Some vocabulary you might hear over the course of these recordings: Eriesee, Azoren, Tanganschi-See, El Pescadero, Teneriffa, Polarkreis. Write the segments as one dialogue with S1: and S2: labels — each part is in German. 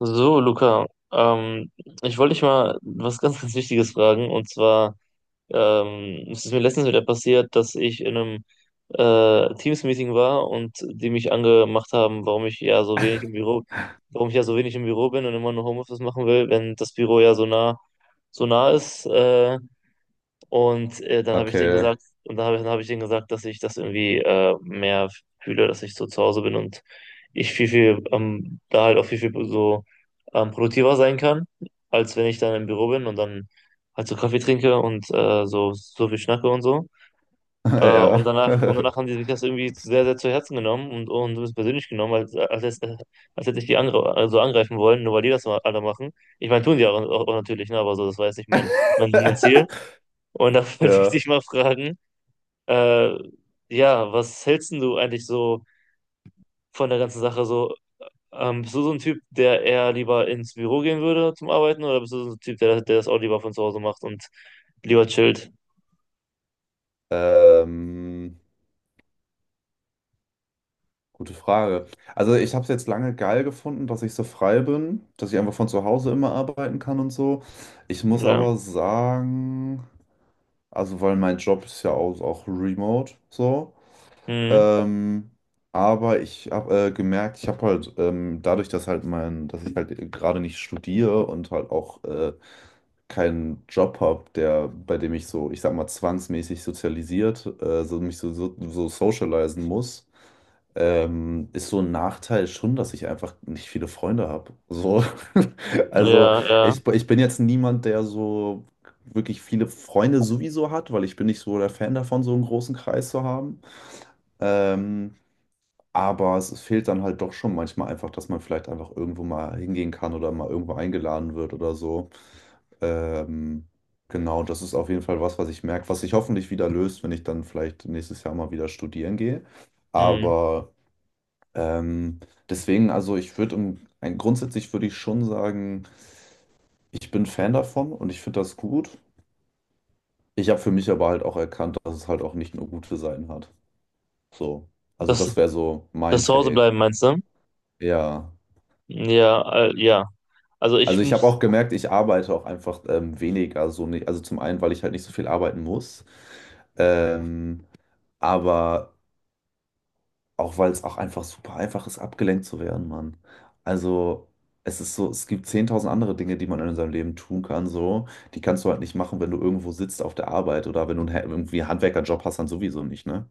S1: So, Luca, ähm, ich wollte dich mal was ganz, ganz Wichtiges fragen. Und zwar, es ist mir letztens wieder passiert, dass ich in einem Teams-Meeting war und die mich angemacht haben, warum ich ja so wenig im Büro bin und immer nur Homeoffice machen will, wenn das Büro so nah ist. Dann
S2: Okay.
S1: hab ich denen gesagt, dass ich das irgendwie mehr fühle, dass ich so zu Hause bin und ich da halt auch viel, viel so produktiver sein kann, als wenn ich dann im Büro bin und dann halt so Kaffee trinke und so, so viel schnacke und so.
S2: Ja.
S1: Und danach haben die sich das irgendwie sehr, sehr zu Herzen genommen und es persönlich genommen, als hätte ich die angreifen wollen, nur weil die das mal alle machen. Ich meine, tun die auch, auch, auch natürlich, ne, aber so, das war jetzt nicht mein Ziel. Und da wollte ich
S2: Ja.
S1: dich mal fragen, äh, ja, was hältst denn du eigentlich so von der ganzen Sache? So, bist du so ein Typ, der eher lieber ins Büro gehen würde zum Arbeiten, oder bist du so ein Typ, der das auch lieber von zu Hause macht und lieber chillt?
S2: Ähm, gute Frage. Also ich habe es jetzt lange geil gefunden, dass ich so frei bin, dass ich einfach von zu Hause immer arbeiten kann und so. Ich muss
S1: Ja,
S2: aber sagen, also weil mein Job ist ja auch remote so.
S1: mhm.
S2: Ähm, aber ich habe gemerkt, ich habe halt dadurch, dass ich halt gerade nicht studiere und halt auch keinen Job habe, der, bei dem ich so, ich sag mal, zwangsmäßig sozialisiert, so mich so socialisen muss, ist so ein Nachteil schon, dass ich einfach nicht viele Freunde habe. So, also
S1: Ja, ja.
S2: ich bin jetzt niemand, der so wirklich viele Freunde sowieso hat, weil ich bin nicht so der Fan davon, so einen großen Kreis zu haben. Ähm, aber es fehlt dann halt doch schon manchmal einfach, dass man vielleicht einfach irgendwo mal hingehen kann oder mal irgendwo eingeladen wird oder so. Ähm, genau, das ist auf jeden Fall was, was ich merke, was sich hoffentlich wieder löst, wenn ich dann vielleicht nächstes Jahr mal wieder studieren gehe.
S1: Mhm.
S2: Aber ähm, deswegen, also ich würde grundsätzlich würde ich schon sagen, ich bin Fan davon und ich finde das gut. Ich habe für mich aber halt auch erkannt, dass es halt auch nicht nur gute Seiten hat. So. Also
S1: Das,
S2: das wäre so
S1: das
S2: mein
S1: zu Hause
S2: Take.
S1: bleiben, meinst du?
S2: Ja.
S1: Ja, ja. Also
S2: Also
S1: ich
S2: ich habe
S1: muss,
S2: auch gemerkt, ich arbeite auch einfach weniger so nicht. Also zum einen, weil ich halt nicht so viel arbeiten muss, ähm, aber auch weil es auch einfach super einfach ist, abgelenkt zu werden, Mann. Also es ist so, es gibt 10.000 andere Dinge, die man in seinem Leben tun kann, so. Die kannst du halt nicht machen, wenn du irgendwo sitzt auf der Arbeit oder wenn du irgendwie einen Handwerkerjob hast, dann sowieso nicht, ne?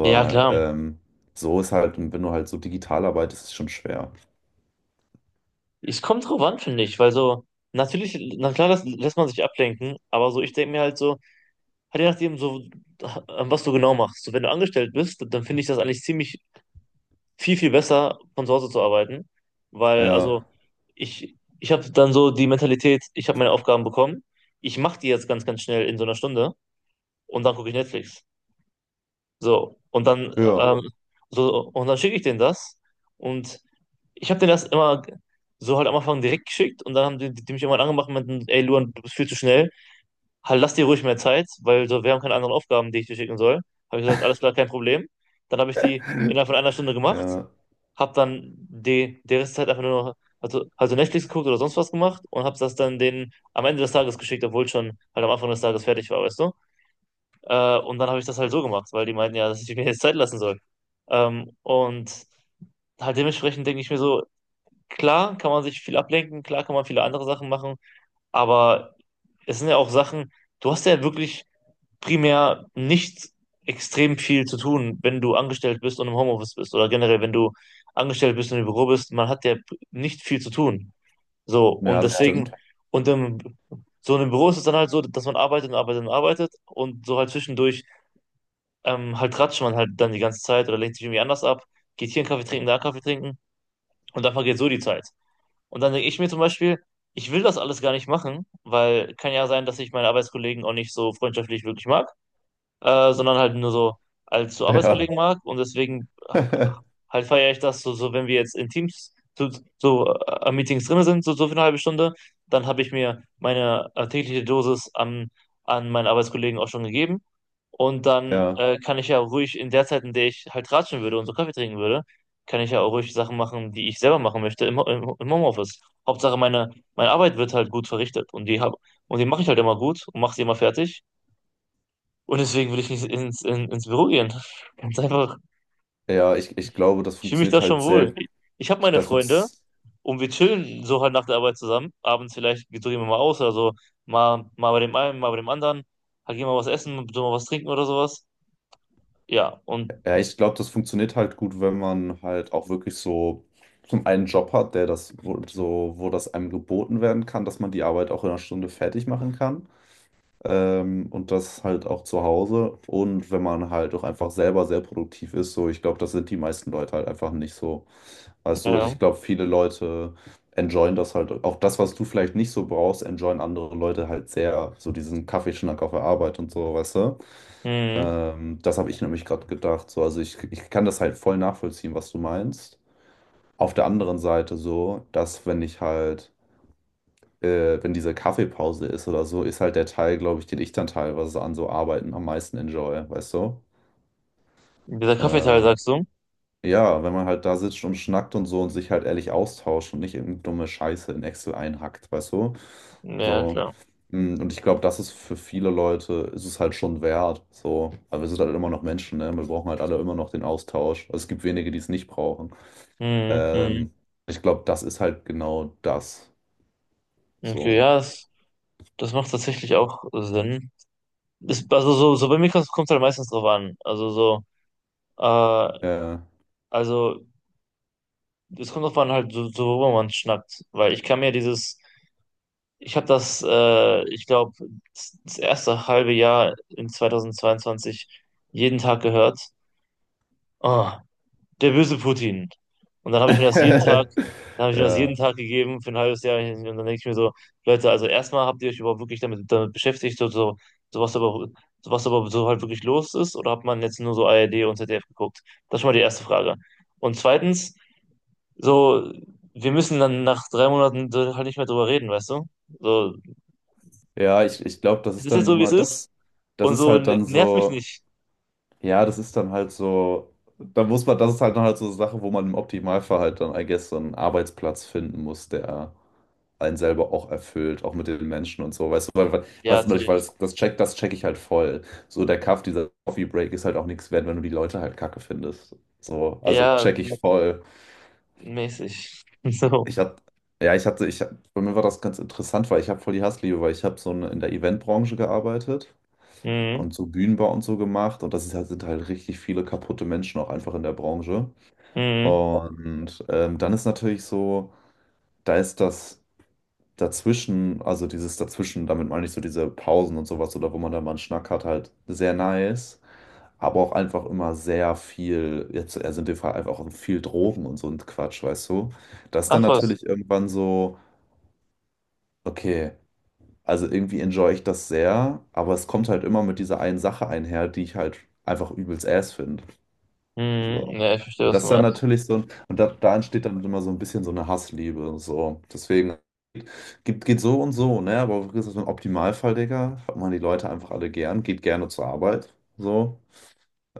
S1: ja klar.
S2: so ist halt, wenn du halt so digital arbeitest, ist es schon schwer.
S1: Es kommt drauf an, finde ich, weil so, natürlich, na klar, das lässt man sich ablenken, aber so, ich denke mir halt so, halt je nachdem, so, was du genau machst. So, wenn du angestellt bist, dann finde ich das eigentlich ziemlich viel, viel besser, von zu Hause zu arbeiten. Weil,
S2: Ja,
S1: also, ich habe dann so die Mentalität, ich habe meine Aufgaben bekommen, ich mache die jetzt ganz, ganz schnell in so einer Stunde und dann gucke ich Netflix. So, und dann,
S2: ja,
S1: ähm, so, und dann schicke ich denen das. Und ich habe denen das immer so halt am Anfang direkt geschickt und dann haben die mich irgendwann angemacht und meinten, ey Luan, du bist viel zu schnell halt, lass dir ruhig mehr Zeit, weil so, wir haben keine anderen Aufgaben, die ich dir schicken soll. Habe ich gesagt, alles klar, kein Problem. Dann habe ich die innerhalb von einer Stunde gemacht,
S2: ja,
S1: habe dann die Restzeit einfach nur noch, also Netflix geguckt oder sonst was gemacht und habe das dann denen am Ende des Tages geschickt, obwohl ich schon halt am Anfang des Tages fertig war, weißt du? Und dann habe ich das halt so gemacht, weil die meinten ja, dass ich mir jetzt Zeit lassen soll. Und halt dementsprechend denke ich mir so, klar kann man sich viel ablenken, klar kann man viele andere Sachen machen, aber es sind ja auch Sachen, du hast ja wirklich primär nicht extrem viel zu tun, wenn du angestellt bist und im Homeoffice bist oder generell, wenn du angestellt bist und im Büro bist, man hat ja nicht viel zu tun. So, und
S2: ja,
S1: ja,
S2: das
S1: deswegen,
S2: stimmt.
S1: und im, so in einem Büro ist es dann halt so, dass man arbeitet und arbeitet und arbeitet und so halt zwischendurch halt tratscht man halt dann die ganze Zeit oder lenkt sich irgendwie anders ab, geht hier einen Kaffee trinken, da einen Kaffee trinken und dann vergeht so die Zeit. Und dann denke ich mir zum Beispiel, ich will das alles gar nicht machen, weil kann ja sein, dass ich meine Arbeitskollegen auch nicht so freundschaftlich wirklich mag sondern halt nur so als so Arbeitskollegen
S2: Ja.
S1: mag und deswegen halt feiere ich das so, so wenn wir jetzt in Teams so, so am Meetings drin sind, so, so für eine halbe Stunde, dann habe ich mir meine tägliche Dosis an, an meinen Arbeitskollegen auch schon gegeben und dann
S2: Ja,
S1: kann ich ja ruhig in der Zeit, in der ich halt ratschen würde und so Kaffee trinken würde, kann ich ja auch ruhig Sachen machen, die ich selber machen möchte im Homeoffice. Hauptsache meine Arbeit wird halt gut verrichtet und und die mache ich halt immer gut und mache sie immer fertig. Und deswegen will ich nicht ins Büro gehen. Ganz einfach.
S2: ja, ich
S1: Ich,
S2: glaube, das
S1: ich fühle mich da
S2: funktioniert halt
S1: schon wohl.
S2: sehr,
S1: Ich habe
S2: ich,
S1: meine
S2: das,
S1: Freunde
S2: funz-
S1: und wir chillen so halt nach der Arbeit zusammen. Abends vielleicht gehen wir mal aus oder so. Mal, mal bei dem einen, mal bei dem anderen. Halt gehen wir was essen, so mal was trinken oder sowas. Ja, und
S2: ja, ich glaube, das funktioniert halt gut, wenn man halt auch wirklich so zum einen Job hat, der das, wo, so, wo das einem geboten werden kann, dass man die Arbeit auch in einer Stunde fertig machen kann. Und das halt auch zu Hause. Und wenn man halt auch einfach selber sehr produktiv ist, so ich glaube, das sind die meisten Leute halt einfach nicht so. Weißt du, also ich
S1: ja.
S2: glaube, viele Leute enjoyen das halt. Auch das, was du vielleicht nicht so brauchst, enjoyen andere Leute halt sehr. So diesen Kaffeeschnack auf der Arbeit und so, weißt du?
S1: Mhm.
S2: Das habe ich nämlich gerade gedacht. So, also ich kann das halt voll nachvollziehen, was du meinst. Auf der anderen Seite so, dass wenn ich halt wenn diese Kaffeepause ist oder so, ist halt der Teil, glaube ich, den ich dann teilweise an so Arbeiten am meisten enjoy, weißt du?
S1: Dieser Kaffeeteil,
S2: Äh,
S1: sagst du?
S2: ja, wenn man halt da sitzt und schnackt und so und sich halt ehrlich austauscht und nicht irgendeine dumme Scheiße in Excel einhackt, weißt du?
S1: Ja,
S2: So.
S1: klar.
S2: Und ich glaube, das ist für viele Leute, ist es halt schon wert. So. Aber wir sind halt immer noch Menschen, ne? Wir brauchen halt alle immer noch den Austausch. Also es gibt wenige, die es nicht brauchen.
S1: Mhm. Mhm.
S2: Ähm, ich glaube, das ist halt genau das.
S1: Okay,
S2: So.
S1: ja, das macht tatsächlich auch Sinn. Das, also so, so bei mir kommt es halt meistens drauf an. Äh,
S2: Äh,
S1: also Es kommt drauf an, halt, so, so worüber man schnackt. Weil ich kann mir dieses, ich habe das, ich glaube, das erste halbe Jahr in 2022 jeden Tag gehört. Oh, der böse Putin. Und dann habe ich mir das jeden Tag, dann habe ich mir das
S2: Ja,
S1: jeden Tag gegeben für ein halbes Jahr. Und dann denke ich mir so, Leute, also erstmal habt ihr euch überhaupt wirklich damit, damit beschäftigt, so was aber, so was aber so halt wirklich los ist? Oder hat man jetzt nur so ARD und ZDF geguckt? Das ist schon mal die erste Frage. Und zweitens, so, wir müssen dann nach 3 Monaten so halt nicht mehr drüber reden, weißt du? So,
S2: ja, ich glaube, das
S1: es
S2: ist
S1: ist jetzt
S2: dann nun
S1: so, wie es
S2: mal
S1: ist.
S2: das, das
S1: Und
S2: ist
S1: so
S2: halt dann
S1: nervt mich
S2: so,
S1: nicht.
S2: ja, das ist dann halt so, da muss man, das ist halt dann halt so eine Sache, wo man im Optimalfall halt dann, I guess, so einen Arbeitsplatz finden muss, der einen selber auch erfüllt, auch mit den Menschen und so, weißt du,
S1: Ja,
S2: weißt du, weil
S1: natürlich.
S2: das check ich halt voll. So der Kaff, dieser Coffee Break ist halt auch nichts wert, wenn du die Leute halt kacke findest. So, also
S1: Ja,
S2: check ich voll.
S1: mäßig. So.
S2: Ich hatte, ja, bei mir war das ganz interessant, weil ich habe voll die Hassliebe, weil ich habe so in der Eventbranche gearbeitet
S1: Mhm.
S2: und so Bühnenbau und so gemacht und das ist halt, sind halt richtig viele kaputte Menschen auch einfach in der Branche.
S1: Mhm.
S2: Und dann ist natürlich so, da ist also dieses dazwischen, damit meine ich so diese Pausen und sowas oder wo man da mal einen Schnack hat, halt sehr nice. Aber auch einfach immer sehr viel, jetzt also in dem Fall einfach auch viel Drogen und so ein Quatsch, weißt du? Das ist dann
S1: Ach was.
S2: natürlich irgendwann so, okay. Also irgendwie enjoy ich das sehr, aber es kommt halt immer mit dieser einen Sache einher, die ich halt einfach übelst ass finde.
S1: Mhm.
S2: So.
S1: Ja, ich verstehe,
S2: Und
S1: was
S2: das
S1: du
S2: ist dann
S1: meinst.
S2: natürlich so, und da entsteht dann immer so ein bisschen so eine Hassliebe. So. Deswegen geht, geht so und so, ne? Aber das ist ein Optimalfall, Digga. Hat man die Leute einfach alle gern, geht gerne zur Arbeit. So.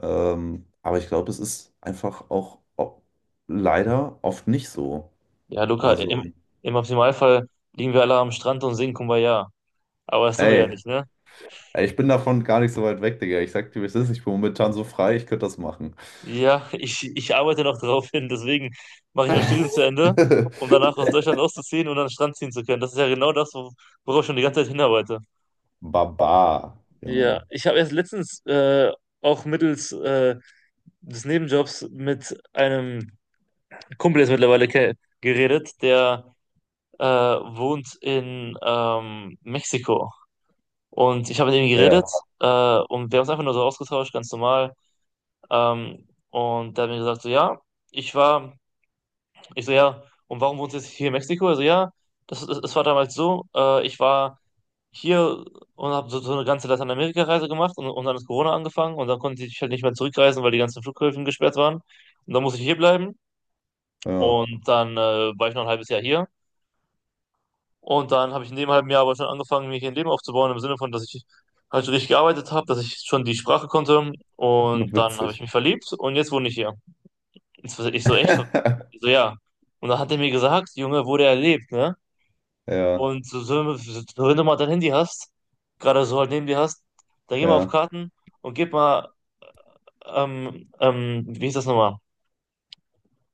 S2: Aber ich glaube, es ist einfach auch leider oft nicht so.
S1: Ja, Luca,
S2: Also,
S1: im, im Optimalfall liegen wir alle am Strand und singen Kumbaya. Aber das tun wir ja
S2: ey.
S1: nicht, ne?
S2: Ey, ich bin davon gar nicht so weit weg, Digga. Ich sag dir, wie es ist. Ich bin momentan so frei, ich könnte das machen.
S1: Ja, ich arbeite noch drauf hin, deswegen mache ich mein Studium zu Ende, um danach aus Deutschland auszuziehen und an den Strand ziehen zu können. Das ist ja genau das, worauf ich schon die ganze Zeit hinarbeite.
S2: Baba,
S1: Ja,
S2: Junge.
S1: ich habe erst letztens auch mittels des Nebenjobs mit einem Kumpel jetzt mittlerweile geredet, der wohnt in Mexiko. Und ich habe mit ihm geredet
S2: Ja,
S1: und wir haben uns einfach nur so ausgetauscht, ganz normal. Und der hat mir gesagt, so ja, ich war, ich so ja, und warum wohnst du jetzt hier in Mexiko? Also ja, das war damals so, ich war hier und habe so, so eine ganze Lateinamerika-Reise gemacht und dann ist Corona angefangen und dann konnte ich halt nicht mehr zurückreisen, weil die ganzen Flughäfen gesperrt waren. Und dann musste ich hier bleiben
S2: ja.
S1: und dann war ich noch ein halbes Jahr hier. Und dann habe ich in dem halben Jahr aber schon angefangen, mir hier ein Leben aufzubauen, im Sinne von, dass ich halt schon richtig gearbeitet habe, dass ich schon die Sprache konnte und dann habe ich
S2: Witzig.
S1: mich verliebt und jetzt wohne ich hier. Jetzt war ich so echt, so, ich so ja. Und dann hat er mir gesagt, Junge, wo der lebt, ne?
S2: Ja,
S1: Und so, so, so, wenn du mal dein Handy hast, gerade so halt neben dir hast, dann geh mal auf
S2: ja.
S1: Karten und gib mal, wie hieß das nochmal?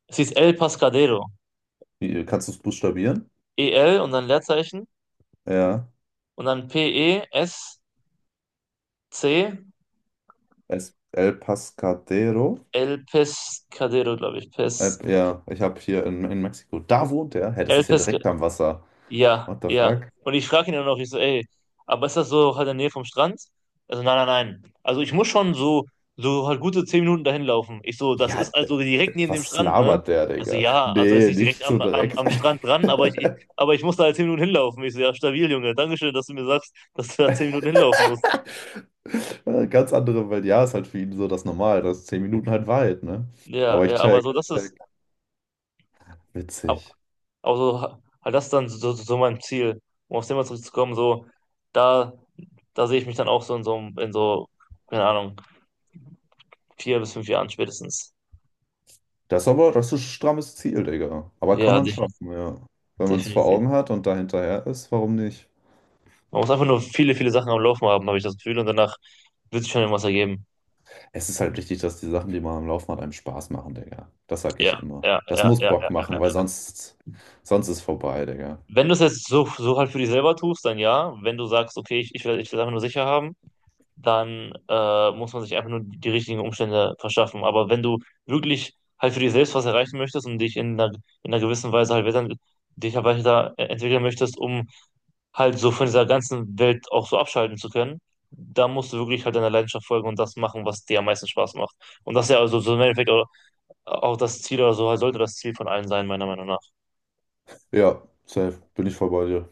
S1: Es hieß El Pescadero.
S2: Kannst du es buchstabieren?
S1: E L und dann Leerzeichen
S2: Ja.
S1: und dann P-E-S-C,
S2: El Pascadero.
S1: El Pescadero, glaube ich. Pes,
S2: Ja, ich habe hier in Mexiko. Da wohnt er. Hä, das
S1: El
S2: ist ja
S1: Pescadero.
S2: direkt am Wasser.
S1: Ja,
S2: What the
S1: ja.
S2: fuck?
S1: Und ich frage ihn dann noch, ich so, ey, aber ist das so halt in der Nähe vom Strand? Also nein, nein, nein. Also ich muss schon so, so halt gute zehn Minuten dahin laufen. Ich so, das
S2: Ja,
S1: ist also direkt neben dem
S2: was
S1: Strand, ne?
S2: labert der,
S1: Also
S2: Digga?
S1: ja, also jetzt
S2: Nee,
S1: nicht direkt
S2: nicht so
S1: am, am,
S2: direkt.
S1: am Strand dran, ich, aber ich muss da halt 10 Minuten hinlaufen. Ich so, ja, stabil, Junge. Dankeschön, dass du mir sagst, dass du da 10 Minuten hinlaufen musst.
S2: Ganz andere Welt. Ja, ist halt für ihn so das Normal, dass 10 Minuten halt weit, ne?
S1: Ja,
S2: Aber ich
S1: ja, aber
S2: check,
S1: so, das ist,
S2: check.
S1: aber
S2: Witzig.
S1: aber so, halt das ist dann so, so so mein Ziel, um aufs Thema zurückzukommen, so, da, da sehe ich mich dann auch in so, keine Ahnung, 4 bis 5 Jahren spätestens.
S2: Das ist aber, das ist ein strammes Ziel, Digga. Aber kann
S1: Ja,
S2: man schaffen, ja. Wenn man es vor
S1: definitiv.
S2: Augen hat und da hinterher ist, warum nicht?
S1: Man muss einfach nur viele, viele Sachen am Laufen haben, habe ich das Gefühl, und danach wird sich schon irgendwas ergeben.
S2: Es ist halt wichtig, dass die Sachen, die man am Laufen hat, einem Spaß machen, Digga. Das sag ich
S1: Ja,
S2: immer.
S1: ja,
S2: Das
S1: ja,
S2: muss
S1: ja. Ja.
S2: Bock machen, weil
S1: Ja.
S2: sonst, sonst ist vorbei, Digga.
S1: Wenn du es jetzt so, so halt für dich selber tust, dann ja. Wenn du sagst, okay, ich will es einfach nur sicher haben, dann muss man sich einfach nur die richtigen Umstände verschaffen. Aber wenn du wirklich halt für dich selbst was erreichen möchtest und dich in einer gewissen Weise dich halt weiter entwickeln möchtest, um halt so von dieser ganzen Welt auch so abschalten zu können, da musst du wirklich halt deiner Leidenschaft folgen und das machen, was dir am meisten Spaß macht. Und das ist ja also so im Endeffekt auch das Ziel oder so, halt sollte das Ziel von allen sein, meiner Meinung nach.
S2: Ja, safe, bin ich voll bei dir.